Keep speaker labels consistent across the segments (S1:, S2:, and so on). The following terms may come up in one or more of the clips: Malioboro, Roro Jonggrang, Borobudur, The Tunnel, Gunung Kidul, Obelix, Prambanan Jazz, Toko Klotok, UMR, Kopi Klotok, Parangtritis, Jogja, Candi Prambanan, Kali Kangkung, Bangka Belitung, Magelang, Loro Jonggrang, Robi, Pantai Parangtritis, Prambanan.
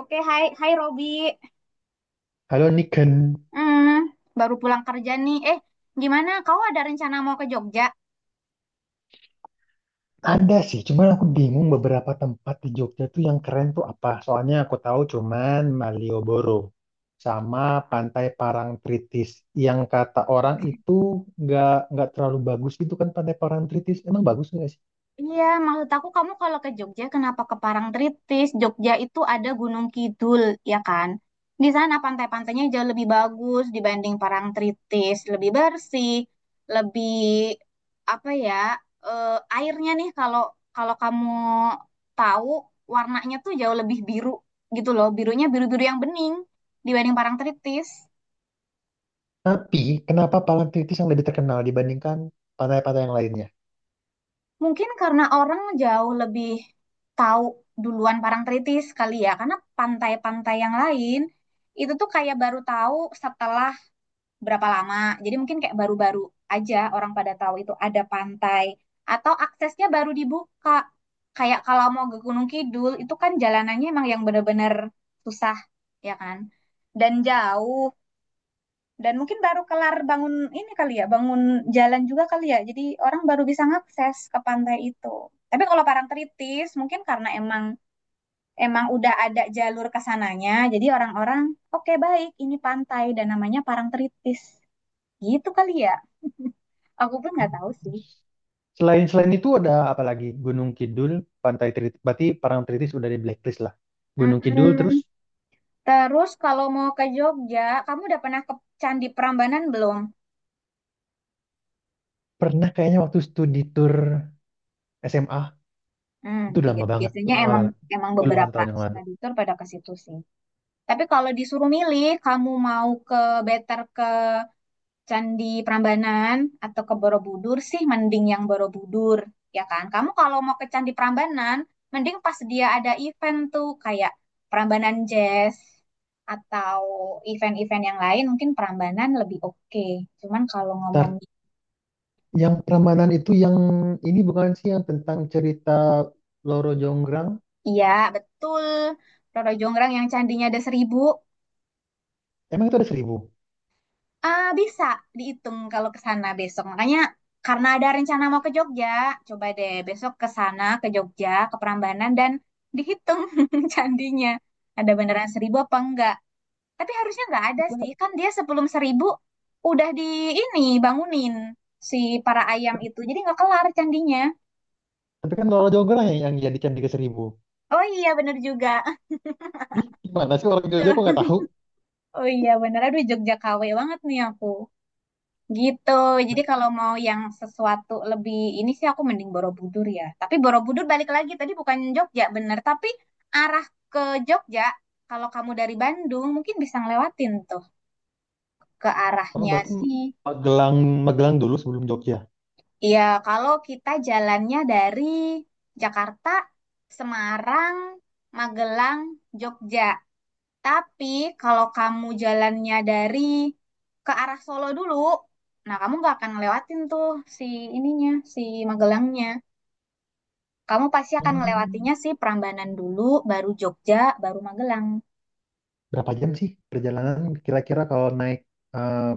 S1: Oke, hai, hai Robi.
S2: Halo Niken,
S1: Hmm, baru pulang kerja nih. Eh, gimana? Kau ada rencana mau ke Jogja?
S2: ada sih, cuman aku bingung beberapa tempat di Jogja tuh yang keren tuh apa. Soalnya aku tahu cuman Malioboro sama Pantai Parangtritis yang kata orang itu nggak nggak terlalu bagus gitu kan Pantai Parangtritis. Emang bagus nggak sih?
S1: Iya, maksud aku kamu kalau ke Jogja, kenapa ke Parangtritis? Jogja itu ada Gunung Kidul, ya kan? Di sana pantai-pantainya jauh lebih bagus dibanding Parangtritis, lebih bersih, lebih apa ya? eh, airnya nih kalau kalau kamu tahu warnanya tuh jauh lebih biru gitu loh, birunya biru-biru yang bening dibanding Parangtritis.
S2: Tapi kenapa Parangtritis yang lebih terkenal dibandingkan pantai-pantai yang lainnya?
S1: Mungkin karena orang jauh lebih tahu duluan Parangtritis kali ya, karena pantai-pantai yang lain itu tuh kayak baru tahu setelah berapa lama. Jadi mungkin kayak baru-baru aja orang pada tahu itu ada pantai atau aksesnya baru dibuka. Kayak kalau mau ke Gunung Kidul itu kan jalanannya emang yang bener-bener susah, ya kan? Dan jauh. Dan mungkin baru kelar bangun ini kali ya, bangun jalan juga kali ya. Jadi orang baru bisa ngakses ke pantai itu. Tapi kalau Parangtritis mungkin karena emang emang udah ada jalur ke sananya, jadi orang-orang oke baik ini pantai dan namanya Parangtritis. Gitu kali ya. Aku pun nggak tahu sih.
S2: Selain selain itu ada apa lagi? Gunung Kidul, Pantai Tritis, berarti Parangtritis udah di blacklist lah. Gunung Kidul terus
S1: Mm-mm. Terus kalau mau ke Jogja, kamu udah pernah ke Candi Prambanan belum?
S2: pernah kayaknya waktu studi tour SMA.
S1: Hmm,
S2: Itu udah
S1: iya,
S2: lama banget,
S1: biasanya
S2: lama
S1: emang
S2: banget.
S1: emang
S2: Puluhan
S1: beberapa
S2: tahun yang lalu.
S1: study tour pada ke situ sih. Tapi kalau disuruh milih, kamu mau ke better ke Candi Prambanan atau ke Borobudur sih, mending yang Borobudur, ya kan? Kamu kalau mau ke Candi Prambanan, mending pas dia ada event tuh kayak Prambanan Jazz atau event-event yang lain, mungkin Prambanan lebih oke. Cuman kalau ngomong,
S2: Ntar, yang Prambanan itu yang ini bukan sih yang tentang cerita Loro Jonggrang?
S1: iya betul, Roro Jonggrang yang candinya ada seribu.
S2: Emang itu ada 1.000?
S1: Ah, bisa dihitung kalau ke sana besok. Makanya karena ada rencana mau ke Jogja, coba deh besok ke sana ke Jogja, ke Prambanan dan dihitung candinya. Ada beneran seribu apa enggak? Tapi harusnya enggak ada sih. Kan dia sebelum seribu udah di ini bangunin si para ayam itu. Jadi enggak kelar candinya.
S2: Tapi kan Loro Jonggrang yang jadi candi ke-1.000.
S1: Oh iya bener juga.
S2: Ih, gimana sih orang Jogja kok nggak tahu?
S1: Oh iya bener. Aduh Jogja KW banget nih aku. Gitu. Jadi kalau mau yang sesuatu lebih ini sih aku mending Borobudur ya. Tapi Borobudur balik lagi tadi bukan Jogja bener, tapi arah ke Jogja kalau kamu dari Bandung mungkin bisa ngelewatin tuh ke
S2: Oh,
S1: arahnya
S2: berarti
S1: sih.
S2: Magelang, Magelang dulu sebelum Jogja.
S1: Iya, kalau kita jalannya dari Jakarta, Semarang, Magelang, Jogja. Tapi kalau kamu jalannya dari ke arah Solo dulu, nah kamu nggak akan ngelewatin tuh si ininya, si Magelangnya. Kamu pasti akan
S2: Hmm,
S1: ngelewatinya si Prambanan dulu, baru Jogja, baru Magelang.
S2: berapa jam sih perjalanan kira-kira kalau naik eh,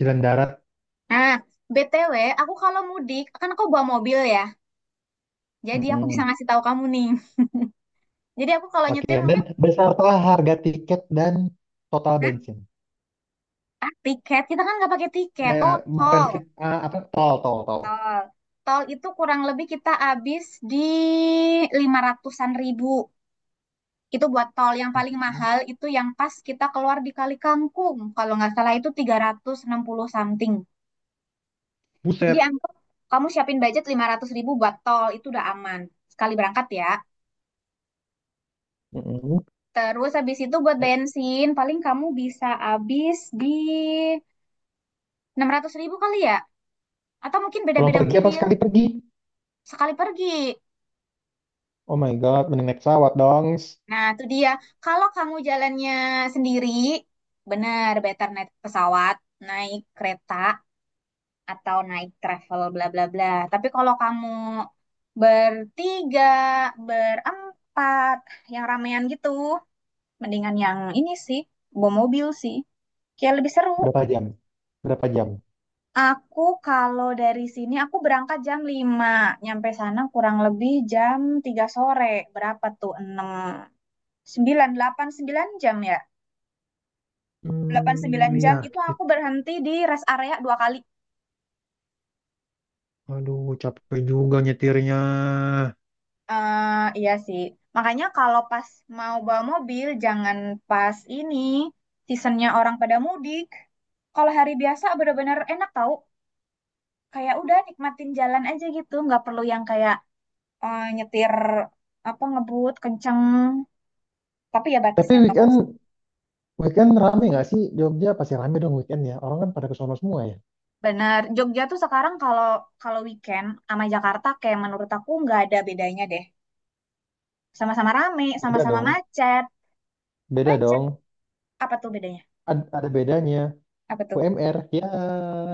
S2: jalan darat?
S1: Nah, BTW, aku kalau mudik, kan aku bawa mobil ya. Jadi aku bisa
S2: Mm-mm.
S1: ngasih tahu kamu nih. Jadi aku kalau
S2: Oke,
S1: nyetir
S2: dan
S1: mungkin,
S2: beserta harga tiket dan total
S1: Hah?
S2: bensin.
S1: Ah, tiket. Kita kan nggak pakai tiket.
S2: Eh
S1: Oh,
S2: bukan
S1: tol.
S2: ah, Apa tol tol tol.
S1: Tol. Tol itu kurang lebih kita habis di lima ratusan ribu. Itu buat tol yang paling
S2: Mhm.
S1: mahal itu yang pas kita keluar di Kali Kangkung. Kalau nggak salah itu 360 something. Jadi
S2: Buset.
S1: anggap kamu siapin budget 500.000 buat tol itu udah aman. Sekali berangkat ya.
S2: Mhm.
S1: Terus habis itu buat bensin paling kamu bisa habis di 600.000 kali ya. Atau mungkin
S2: Pulang
S1: beda-beda
S2: pergi apa
S1: mobil
S2: sekali pergi?
S1: sekali pergi.
S2: Oh my god, mending naik pesawat dong.
S1: Nah, itu dia. Kalau kamu jalannya sendiri, benar better naik pesawat, naik kereta, atau naik travel bla bla bla. Tapi kalau kamu bertiga, berempat, yang ramean gitu, mendingan yang ini sih, bawa mobil sih. Kayak lebih seru.
S2: Berapa jam? Berapa jam?
S1: Aku kalau dari sini aku berangkat jam 5, nyampe sana kurang lebih jam 3 sore. Berapa tuh? Enam, 9, 8, 9 jam ya. Delapan sembilan
S2: Hmm,
S1: jam
S2: iya,
S1: itu aku
S2: gitu.
S1: berhenti di rest area 2 kali.
S2: Aduh, capek juga nyetirnya.
S1: Eh, iya sih. Makanya kalau pas mau bawa mobil, jangan pas ini seasonnya orang pada mudik. Kalau hari biasa bener-bener enak tau. Kayak udah nikmatin jalan aja gitu, nggak perlu yang kayak eh, nyetir apa ngebut kenceng. Tapi ya
S2: Tapi
S1: batasnya tau sih.
S2: weekend weekend rame nggak sih Jogja? Pasti rame dong weekend ya. Orang kan pada ke sono semua ya.
S1: Bener. Jogja tuh sekarang kalau kalau weekend sama Jakarta kayak menurut aku nggak ada bedanya deh. Sama-sama rame,
S2: Beda
S1: sama-sama
S2: dong,
S1: macet.
S2: beda
S1: Macet.
S2: dong.
S1: Apa tuh bedanya?
S2: Ada bedanya.
S1: Apa tuh?
S2: UMR ya.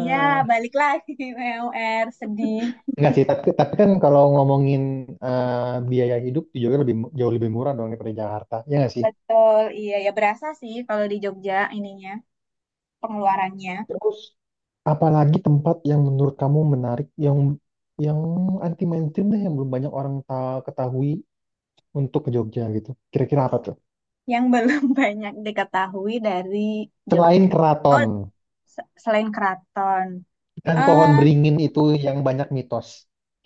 S1: Ya, balik lagi PUR sedih.
S2: Enggak sih, tapi kan kalau ngomongin eh, biaya hidup di Jogja lebih jauh lebih murah dong daripada Jakarta. Ya nggak sih?
S1: Betul, iya ya berasa sih kalau di Jogja ininya pengeluarannya
S2: Terus apalagi tempat yang menurut kamu menarik yang yang anti mainstream deh yang belum banyak orang ketahui untuk ke Jogja gitu. Kira-kira apa tuh?
S1: yang belum banyak diketahui dari
S2: Selain
S1: Jogja. Oh,
S2: keraton
S1: selain keraton.
S2: dan pohon
S1: eh
S2: beringin itu yang banyak mitos.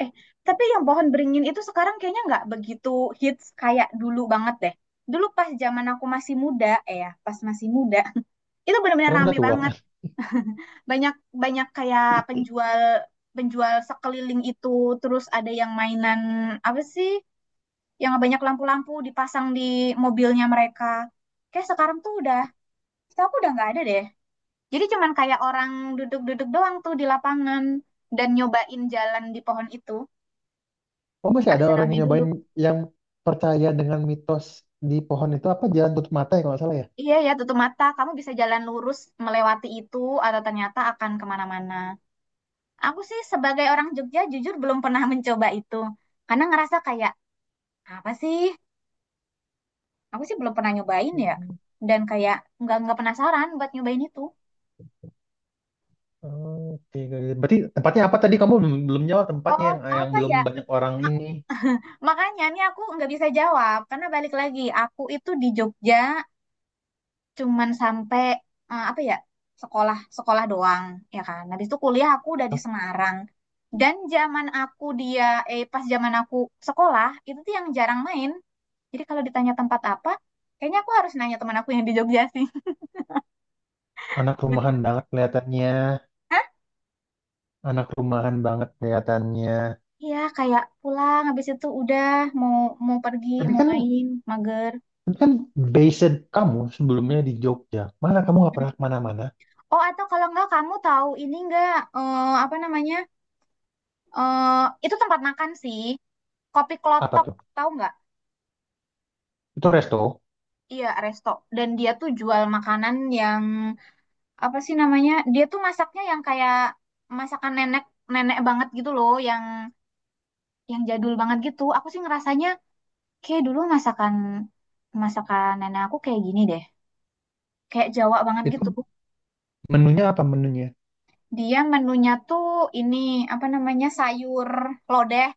S1: eh, tapi yang pohon beringin itu sekarang kayaknya nggak begitu hits kayak dulu banget deh. Dulu pas zaman aku masih muda, eh ya, pas masih muda, itu benar-benar
S2: Karena
S1: rame
S2: udah tua.
S1: banget. Banyak banyak kayak penjual penjual sekeliling itu, terus ada yang mainan apa sih? Yang banyak lampu-lampu dipasang di mobilnya mereka. Kayak sekarang tuh udah, setahu aku udah nggak ada deh. Jadi cuman kayak orang duduk-duduk doang tuh di lapangan dan nyobain jalan di pohon itu.
S2: Oh, masih
S1: Nggak
S2: ada orang
S1: seramai
S2: yang
S1: dulu.
S2: nyobain yang percaya dengan mitos di pohon itu apa jalan tutup mata ya kalau nggak salah
S1: Iya ya, tutup mata. Kamu bisa jalan lurus melewati itu atau ternyata akan kemana-mana. Aku sih sebagai orang Jogja jujur belum pernah mencoba itu. Karena ngerasa kayak, apa sih? Aku sih belum pernah nyobain
S2: ya?
S1: ya. Dan kayak nggak penasaran buat nyobain itu.
S2: Oke, oke. Berarti tempatnya apa tadi? Kamu belum jawab tempatnya
S1: Oh,
S2: yang
S1: apa
S2: belum
S1: ya?
S2: banyak orang ini.
S1: Makanya nih aku nggak bisa jawab karena balik lagi aku itu di Jogja cuman sampai apa ya sekolah sekolah doang ya kan. Habis itu kuliah aku udah di Semarang dan zaman aku dia eh pas zaman aku sekolah itu tuh yang jarang main. Jadi kalau ditanya tempat apa, kayaknya aku harus nanya teman aku yang di Jogja sih.
S2: Anak
S1: Bener.
S2: rumahan banget kelihatannya,
S1: Hah?
S2: anak rumahan banget kelihatannya.
S1: Iya kayak pulang habis itu udah mau mau pergi
S2: Tapi
S1: mau
S2: kan,
S1: main mager.
S2: tapi kan based kamu sebelumnya di Jogja. Mana kamu nggak pernah kemana-mana?
S1: Oh atau kalau nggak kamu tahu ini nggak apa namanya? Eh, itu tempat makan sih. Kopi
S2: Apa
S1: Klotok,
S2: tuh?
S1: tahu nggak?
S2: Itu resto?
S1: Iya, resto. Dan dia tuh jual makanan yang apa sih namanya? Dia tuh masaknya yang kayak masakan nenek nenek banget gitu loh, yang jadul banget gitu. Aku sih ngerasanya kayak dulu masakan masakan nenek aku kayak gini deh. Kayak Jawa banget gitu.
S2: Itu menunya apa menunya?
S1: Dia menunya tuh ini apa namanya? Sayur lodeh.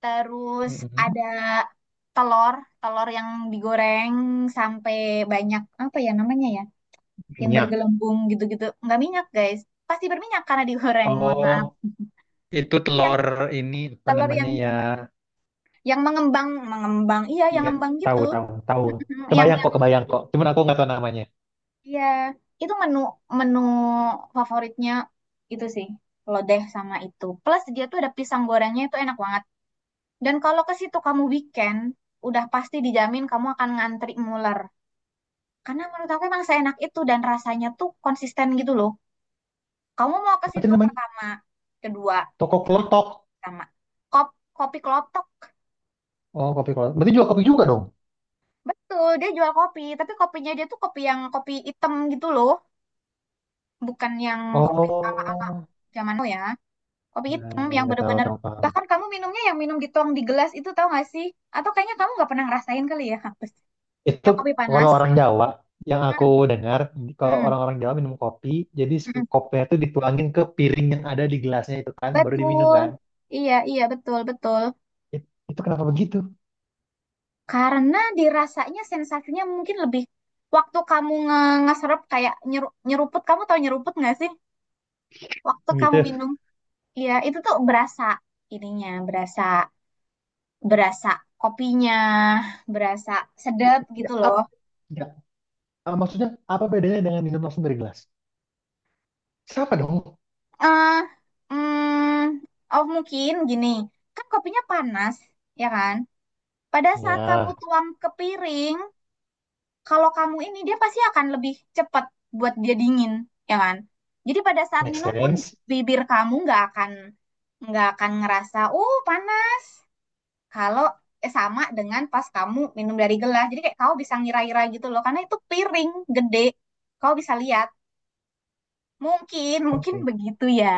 S1: Terus
S2: Mm-mm.
S1: ada telur, telur yang digoreng sampai banyak apa ya namanya ya, yang
S2: Minyak.
S1: bergelembung gitu-gitu. Nggak minyak guys, pasti berminyak karena digoreng. Mohon maaf.
S2: Oh, itu
S1: Yang
S2: telur ini apa
S1: telur
S2: namanya
S1: yang
S2: ya?
S1: yang mengembang, mengembang, iya yang
S2: Iya,
S1: ngembang
S2: tahu
S1: gitu.
S2: tahu tahu.
S1: Mhm, Yang
S2: Kebayang
S1: yang
S2: kok, kebayang kok. Cuman aku nggak tahu namanya.
S1: iya, itu menu menu favoritnya itu sih lodeh sama itu. Plus dia tuh ada pisang gorengnya itu enak banget. Dan kalau ke situ kamu weekend, udah pasti dijamin kamu akan ngantri muler. Karena menurut aku emang seenak itu dan rasanya tuh konsisten gitu loh. Kamu mau ke
S2: Apa sih
S1: situ
S2: namanya?
S1: pertama, kedua,
S2: Toko
S1: ketiga,
S2: Klotok.
S1: pertama. Kop, Kopi kelotok.
S2: Oh, kopi kalau berarti jual kopi juga dong.
S1: Betul, dia jual kopi. Tapi kopinya dia tuh kopi yang kopi hitam gitu loh. Bukan yang kopi ala-ala
S2: Oh,
S1: zaman now ya. Kopi
S2: ya,
S1: hitam yang
S2: nggak tahu,
S1: bener-bener.
S2: tahu paham.
S1: Bahkan kamu minumnya yang minum dituang di gelas itu tau gak sih? Atau kayaknya kamu nggak pernah ngerasain kali ya.
S2: Itu
S1: Yang kopi
S2: kalau
S1: panas.
S2: orang Jawa yang aku
S1: Hmm,
S2: dengar, kalau
S1: hmm,
S2: orang-orang Jawa minum kopi, jadi
S1: hmm.
S2: kopinya itu dituangin ke piring yang ada di gelasnya itu kan, baru diminum
S1: Betul.
S2: kan.
S1: Iya, iya, betul, betul.
S2: Itu kenapa begitu?
S1: Karena dirasanya sensasinya mungkin lebih waktu kamu ngeserap kayak nyeruput, kamu tahu nyeruput nggak sih? Waktu
S2: Yang
S1: kamu
S2: gitu.
S1: minum, iya itu tuh berasa ininya, berasa berasa kopinya, berasa sedap
S2: Ya,
S1: gitu loh.
S2: ya, maksudnya apa bedanya dengan minum langsung dari gelas? Sama dong.
S1: Eh, oh mungkin gini, kan kopinya panas, ya kan? Pada saat kamu
S2: Ya,
S1: tuang ke piring, kalau kamu ini dia pasti akan lebih cepat buat dia dingin, ya kan? Jadi pada saat
S2: make
S1: minum pun
S2: sense.
S1: bibir kamu nggak akan ngerasa panas. Kalau sama dengan pas kamu minum dari gelas, jadi kayak kau bisa ngira-ngira gitu loh, karena itu piring gede, kau bisa lihat. Mungkin, mungkin
S2: Oke.
S1: begitu ya.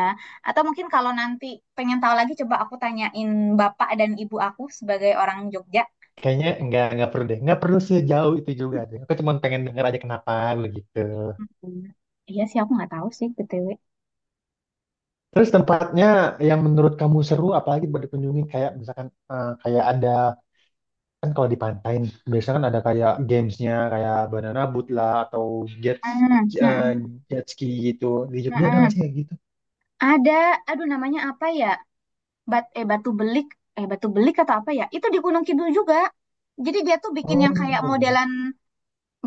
S1: Atau mungkin kalau nanti pengen tahu lagi, coba aku tanyain bapak dan ibu aku sebagai orang Jogja.
S2: Kayaknya nggak perlu deh, nggak perlu sejauh itu juga deh. Aku cuma pengen denger aja kenapa begitu.
S1: Hmm. Iya sih, aku nggak tahu sih, BTW.
S2: Terus tempatnya yang menurut kamu seru, apalagi buat dikunjungi kayak misalkan kayak ada kan kalau di pantai nih, biasanya kan ada kayak gamesnya kayak banana boat lah atau jet
S1: Hmm, hmm,
S2: eh,
S1: hmm.
S2: jet ski gitu. Di Jogja ada nggak
S1: Mm-mm.
S2: sih kayak gitu?
S1: Ada, aduh namanya apa ya? Bat, eh batu belik, batu belik atau apa ya? Itu di Gunung Kidul juga. Jadi dia tuh bikin yang kayak
S2: Oh, iya.
S1: modelan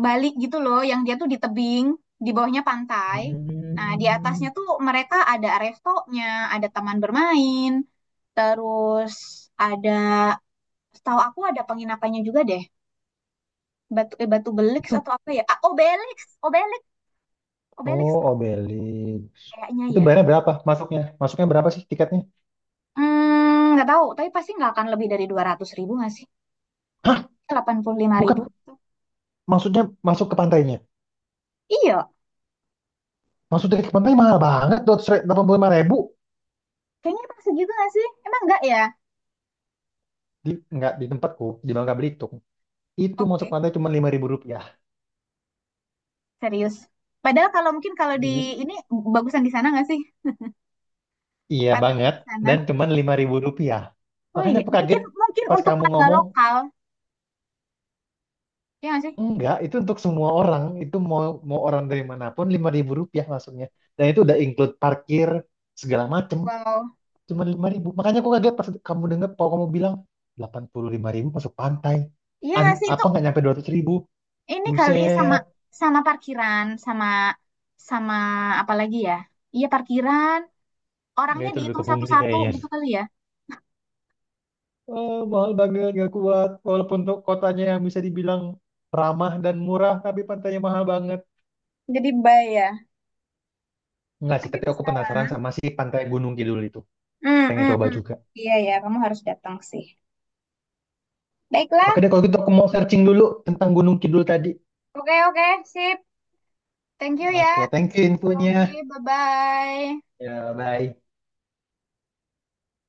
S1: Bali gitu loh, yang dia tuh di tebing, di bawahnya pantai. Nah, di atasnya
S2: Hmm.
S1: tuh mereka ada restonya, ada taman bermain, terus ada, setahu aku ada penginapannya juga deh. Batu belik
S2: Itu,
S1: atau apa ya? Ah, Obelix, Obelix, Obelix
S2: oh, Obelik.
S1: kayaknya
S2: Itu
S1: ya.
S2: bayarnya berapa masuknya? Masuknya berapa sih tiketnya?
S1: Hmm, nggak tahu, tapi pasti nggak akan lebih dari 200.000 nggak sih?
S2: Hah,
S1: 85.000.
S2: bukan maksudnya masuk ke pantainya.
S1: Iya,
S2: Masuk dari ke pantai mahal banget, 285.000.
S1: kayaknya pas segitu nggak sih? Emang nggak ya?
S2: Di, enggak, di tempatku, di Bangka Belitung. Itu masuk
S1: Oke,
S2: pantai cuma Rp5.000.
S1: serius. Padahal kalau mungkin kalau di
S2: Serius?
S1: ini bagusan di sana nggak sih?
S2: Iya
S1: Pantainya
S2: banget.
S1: di sana.
S2: Dan cuma Rp5.000.
S1: Oh
S2: Makanya
S1: iya,
S2: aku
S1: mungkin
S2: kaget
S1: mungkin
S2: pas
S1: untuk
S2: kamu
S1: warga
S2: ngomong,
S1: lokal, ya nggak sih?
S2: enggak, itu untuk semua orang. Itu mau mau orang dari manapun Rp5.000 masuknya. Dan itu udah include parkir, segala macem.
S1: Wow,
S2: Cuma lima ribu. Makanya aku kaget pas kamu dengar, kalau kamu bilang, 85.000 masuk pantai.
S1: iya nggak sih itu
S2: Apa nggak nyampe 200.000?
S1: ini kali sama
S2: Buset.
S1: sama parkiran, sama sama apa lagi ya? Iya parkiran,
S2: Nggak,
S1: orangnya
S2: itu lebih ke
S1: dihitung
S2: pungli
S1: satu-satu
S2: kayaknya.
S1: gitu kali ya.
S2: Eh, mahal banget, gak kuat. Walaupun untuk kotanya yang bisa dibilang ramah dan murah, tapi pantainya mahal banget.
S1: Jadi bayar.
S2: Enggak sih,
S1: Tapi
S2: tapi aku
S1: bisa
S2: penasaran
S1: lah.
S2: sama si pantai Gunung Kidul itu.
S1: Hmm,
S2: Pengen
S1: hmm,
S2: coba
S1: hmm.
S2: juga.
S1: Iya ya, kamu harus datang sih. Baiklah.
S2: Oke deh, kalau gitu aku mau searching dulu tentang Gunung Kidul tadi.
S1: Oke, oke, sip. Thank you
S2: Oke,
S1: ya,
S2: thank you infonya.
S1: Robby. Bye-bye.
S2: Ya, bye.